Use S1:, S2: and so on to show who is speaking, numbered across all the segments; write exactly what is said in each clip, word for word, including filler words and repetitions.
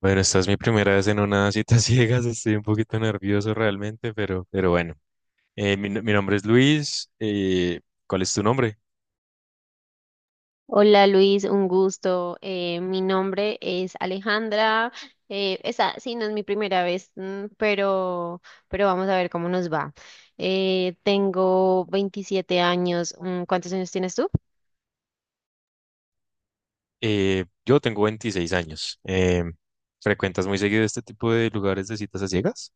S1: Bueno, esta es mi primera vez en una cita ciegas, estoy un poquito nervioso realmente, pero, pero bueno. Eh, mi, no- Mi nombre es Luis, eh, ¿cuál es tu nombre?
S2: Hola Luis, un gusto. Eh, mi nombre es Alejandra. Eh, esa sí no es mi primera vez, mm, pero, pero vamos a ver cómo nos va. Eh, tengo veintisiete años. mm, ¿Cuántos años tienes tú?
S1: Eh, yo tengo veintiséis años. Eh, ¿frecuentas muy seguido este tipo de lugares de citas a ciegas?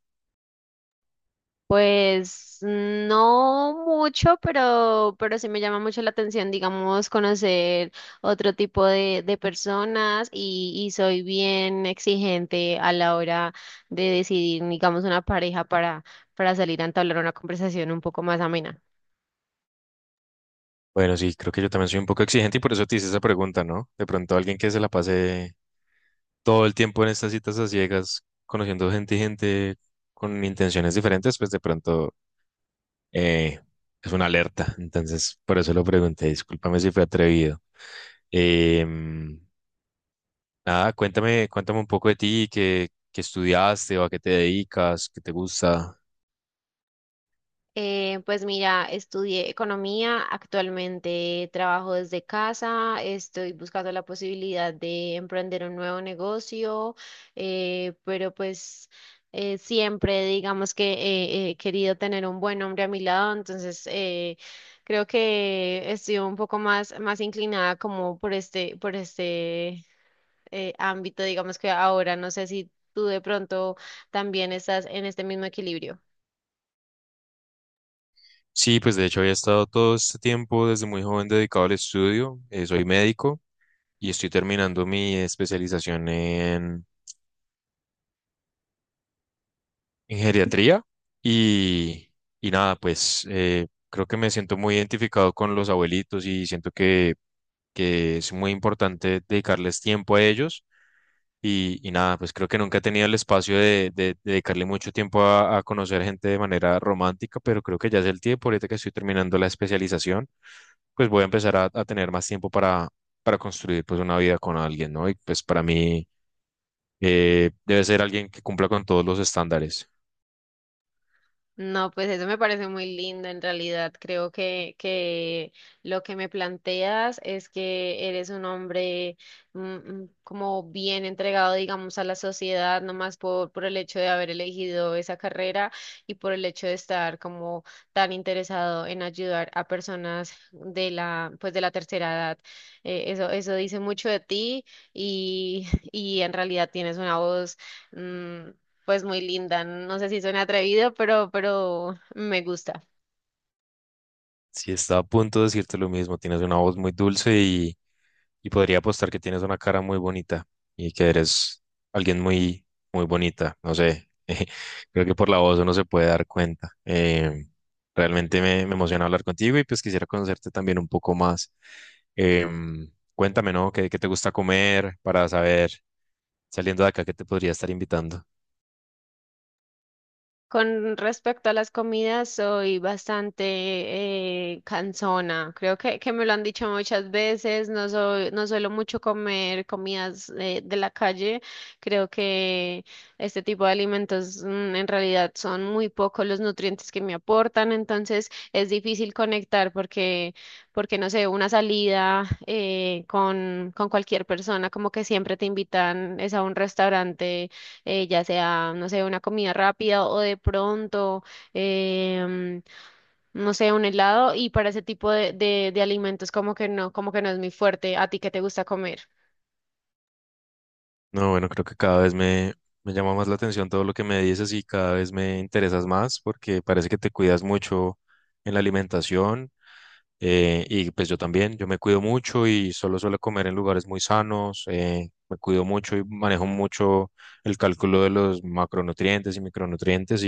S2: Pues no mucho, pero, pero sí me llama mucho la atención, digamos, conocer otro tipo de, de personas y, y soy bien exigente a la hora de decidir, digamos, una pareja para, para salir a entablar una conversación un poco más amena.
S1: Bueno, sí, creo que yo también soy un poco exigente y por eso te hice esa pregunta, ¿no? De pronto alguien que se la pase todo el tiempo en estas citas a ciegas, conociendo gente y gente con intenciones diferentes, pues de pronto eh, es una alerta, entonces por eso lo pregunté, discúlpame si fue atrevido. Em, Nada, cuéntame, cuéntame un poco de ti, qué, qué estudiaste o a qué te dedicas, qué te gusta.
S2: Eh, pues mira, estudié economía, actualmente trabajo desde casa, estoy buscando la posibilidad de emprender un nuevo negocio, eh, pero pues eh, siempre digamos que eh, he querido tener un buen hombre a mi lado, entonces eh, creo que estoy un poco más, más inclinada como por este, por este eh, ámbito, digamos que ahora no sé si tú de pronto también estás en este mismo equilibrio.
S1: Sí, pues de hecho había estado todo este tiempo desde muy joven dedicado al estudio, eh, soy médico y estoy terminando mi especialización en, en geriatría y, y nada, pues eh, creo que me siento muy identificado con los abuelitos y siento que que es muy importante dedicarles tiempo a ellos. Y, y nada, pues creo que nunca he tenido el espacio de, de- de dedicarle mucho tiempo a, a conocer gente de manera romántica, pero creo que ya es el tiempo, ahorita que estoy terminando la especialización, pues voy a empezar a, a tener más tiempo para, para construir pues una vida con alguien, ¿no? Y pues para mí eh, debe ser alguien que cumpla con todos los estándares.
S2: No, pues eso me parece muy lindo en realidad. Creo que, que lo que me planteas es que eres un hombre mm, mm, como bien entregado, digamos, a la sociedad, no más por, por el hecho de haber elegido esa carrera y por el hecho de estar como tan interesado en ayudar a personas de la, pues de la tercera edad. Eh, eso, eso dice mucho de ti y, y en realidad tienes una voz. mm, pues muy linda. No sé si suena atrevido, pero, pero me gusta.
S1: Si está a punto de decirte lo mismo, tienes una voz muy dulce y Y podría apostar que tienes una cara muy bonita y que eres alguien muy, muy bonita. No sé, creo que por la voz uno se puede dar cuenta. Eh, realmente me, me emociona hablar contigo y pues quisiera conocerte también un poco más. Em, cuéntame, ¿no? ¿Qué, qué te gusta comer para saber, saliendo de acá, qué te podría estar invitando?
S2: Con respecto a las comidas, soy bastante eh, cansona. Creo que, que me lo han dicho muchas veces. No soy, no suelo mucho comer comidas eh, de la calle. Creo que este tipo de alimentos mm, en realidad son muy pocos los nutrientes que me aportan. Entonces es difícil conectar porque, porque no sé, una salida eh, con, con cualquier persona, como que siempre te invitan, es a un restaurante eh, ya sea, no sé, una comida rápida o de pronto, em, no sé, un helado y para ese tipo de, de, de alimentos como que no, como que no es muy fuerte. ¿A ti qué te gusta comer?
S1: No, bueno, creo que cada vez me, me llama más la atención todo lo que me dices y cada vez me interesas más porque parece que te cuidas mucho en la alimentación eh, y pues yo también, yo me cuido mucho y solo suelo comer en lugares muy sanos, eh, me cuido mucho y manejo mucho el cálculo de los macronutrientes y micronutrientes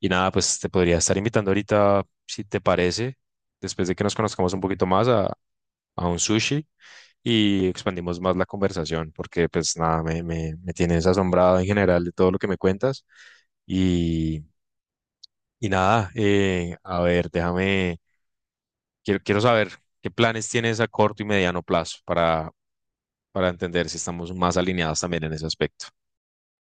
S1: y nada, pues te podría estar invitando ahorita, si te parece, después de que nos conozcamos un poquito más a, a un sushi y expandimos más la conversación, porque pues nada, me, me, me tienes asombrado en general de todo lo que me cuentas. Y, y nada, eh, a ver, déjame, quiero, quiero saber qué planes tienes a corto y mediano plazo para, para entender si estamos más alineados también en ese aspecto.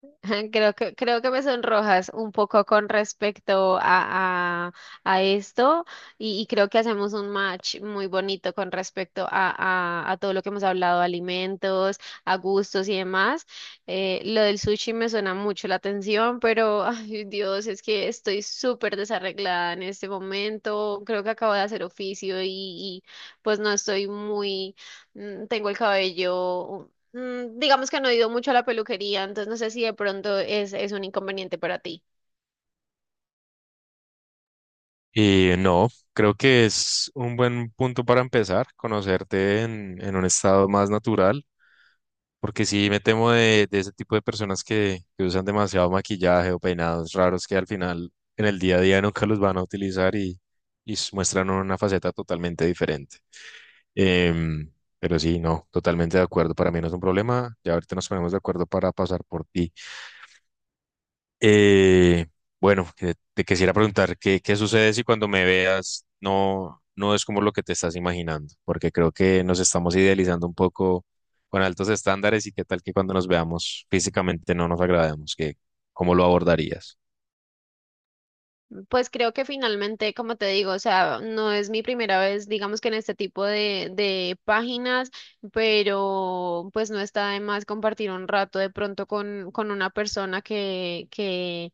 S2: Creo que, creo que me sonrojas un poco con respecto a, a, a esto y, y creo que hacemos un match muy bonito con respecto a, a, a todo lo que hemos hablado, alimentos, a gustos y demás. Eh, lo del sushi me suena mucho la atención, pero ay Dios, es que estoy súper desarreglada en este momento. Creo que acabo de hacer oficio y, y pues no estoy muy, mm, tengo el cabello. Mm, Digamos que no he ido mucho a la peluquería, entonces no sé si de pronto es, es un inconveniente para ti.
S1: Y no, creo que es un buen punto para empezar, conocerte en, en un estado más natural, porque sí me temo de, de ese tipo de personas que, que usan demasiado maquillaje o peinados raros que al final en el día a día nunca los van a utilizar y, y s- muestran una faceta totalmente diferente. Em, pero sí, no, totalmente de acuerdo. Para mí no es un problema. Ya ahorita nos ponemos de acuerdo para pasar por ti. Eh, bueno, que- Te quisiera preguntar qué, qué sucede si cuando me veas no, no es como lo que te estás imaginando, porque creo que nos estamos idealizando un poco con altos estándares y qué tal que cuando nos veamos físicamente no nos agrademos, que, ¿cómo lo abordarías?
S2: Pues creo que finalmente, como te digo, o sea, no es mi primera vez, digamos que en este tipo de, de páginas, pero pues no está de más compartir un rato de pronto con, con una persona que, que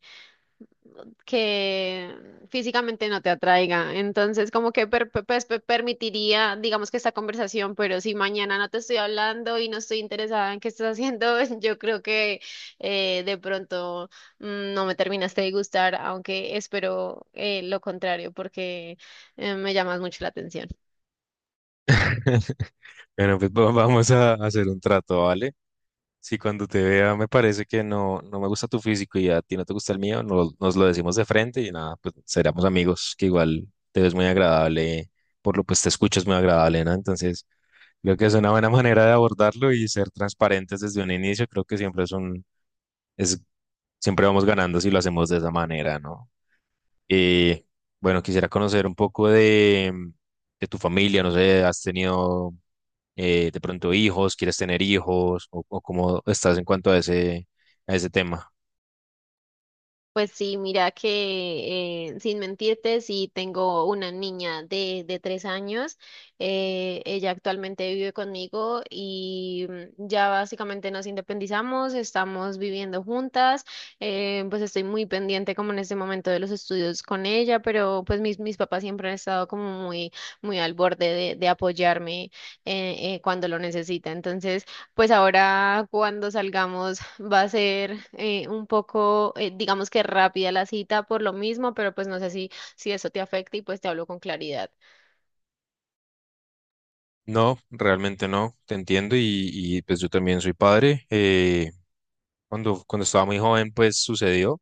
S2: que físicamente no te atraiga. Entonces, como que per- per- pues, per- permitiría, digamos que esta conversación, pero si mañana no te estoy hablando y no estoy interesada en qué estás haciendo, yo creo que eh, de pronto mm, no me terminaste de gustar, aunque espero eh, lo contrario, porque eh, me llamas mucho la atención.
S1: Bueno, pues va- vamos a hacer un trato, ¿vale? Si cuando te vea me parece que no, no me gusta tu físico y a ti no te gusta el mío, no- nos lo decimos de frente y nada, pues seremos amigos, que igual te ves muy agradable, por lo pues te escuchas muy agradable, ¿no? Entonces, creo que es una buena manera de abordarlo y ser transparentes desde un inicio, creo que siempre es un, es, siempre vamos ganando si lo hacemos de esa manera, ¿no? Y bueno, quisiera conocer un poco de, de tu familia, no sé, has tenido eh, de pronto hijos, quieres tener hijos o, o cómo estás en cuanto a ese, a ese tema.
S2: Pues sí, mira que eh, sin mentirte, sí tengo una niña de, de tres años. eh, ella actualmente vive conmigo y mm, ya básicamente nos independizamos, estamos viviendo juntas. eh, pues estoy muy pendiente como en este momento de los estudios con ella, pero pues mis, mis papás siempre han estado como muy, muy al borde de, de apoyarme eh, eh, cuando lo necesita. Entonces... Pues ahora cuando salgamos va a ser eh, un poco, eh, digamos que rápida la cita por lo mismo, pero pues no sé si, si eso te afecta y pues te hablo con claridad.
S1: No, realmente no, te entiendo y, y, pues yo también soy padre. Eh, cuando, cuando estaba muy joven pues sucedió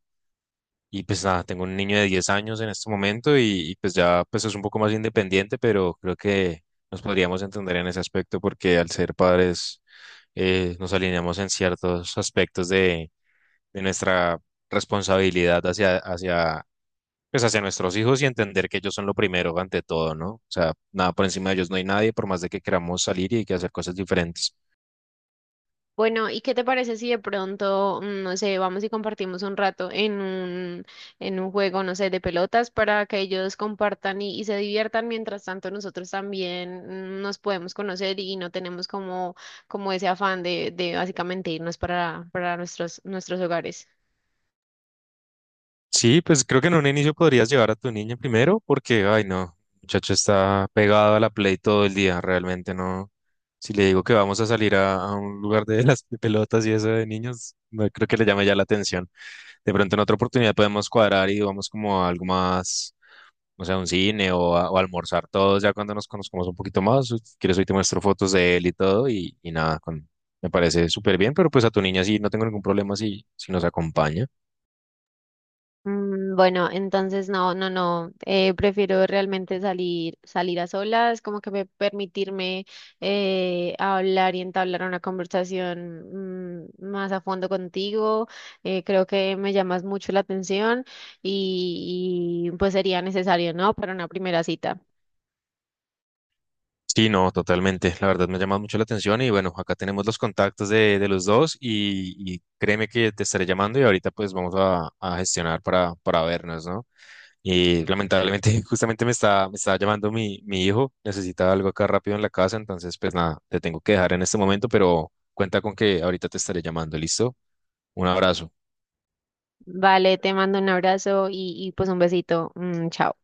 S1: y pues nada, tengo un niño de diez años en este momento y, y, pues ya pues es un poco más independiente, pero creo que nos podríamos entender en ese aspecto porque al ser padres eh, nos alineamos en ciertos aspectos de, de nuestra responsabilidad hacia, hacia pues hacia nuestros hijos y entender que ellos son lo primero ante todo, ¿no? O sea, nada por encima de ellos no hay nadie, por más de que queramos salir y que hacer cosas diferentes.
S2: Bueno, ¿y qué te parece si de pronto, mm, no sé, vamos y compartimos un rato en un, en un juego, no sé, de pelotas para que ellos compartan y, y se diviertan, mientras tanto nosotros también mm, nos podemos conocer y no tenemos como, como ese afán de, de básicamente irnos para, para nuestros, nuestros hogares?
S1: Sí, pues creo que en un inicio podrías llevar a tu niña primero porque, ay, no, el muchacho está pegado a la Play todo el día, realmente no. Si le digo que vamos a salir a, a un lugar de las pelotas y eso de niños, no creo que le llame ya la atención. De pronto en otra oportunidad podemos cuadrar y vamos como a algo más no sea un cine o, a- o almorzar todos ya cuando nos conozcamos un poquito más. Si quieres, hoy te muestro fotos de él y todo y, y nada, con, me parece súper bien, pero pues a tu niña sí, no tengo ningún problema si, si nos acompaña.
S2: Mm, Bueno, entonces no, no, no. Eh, prefiero realmente salir, salir a solas, como que me- permitirme eh, hablar y entablar una conversación mm, más a fondo contigo. eh, creo que me llamas mucho la atención y, y, pues sería necesario, ¿no? Para una primera cita.
S1: Sí, no, totalmente. La verdad me ha llamado mucho la atención y bueno, acá tenemos los contactos de, de los dos y, y créeme que te estaré llamando y ahorita pues vamos a, a gestionar para, para vernos, ¿no? Y lamentablemente justamente me está, me está llamando mi, mi hijo, necesita algo acá rápido en la casa, entonces pues nada, te tengo que dejar en este momento, pero cuenta con que ahorita te estaré llamando, ¿listo? Un abrazo.
S2: Vale, te mando un abrazo y, y pues un besito. Mm, chao.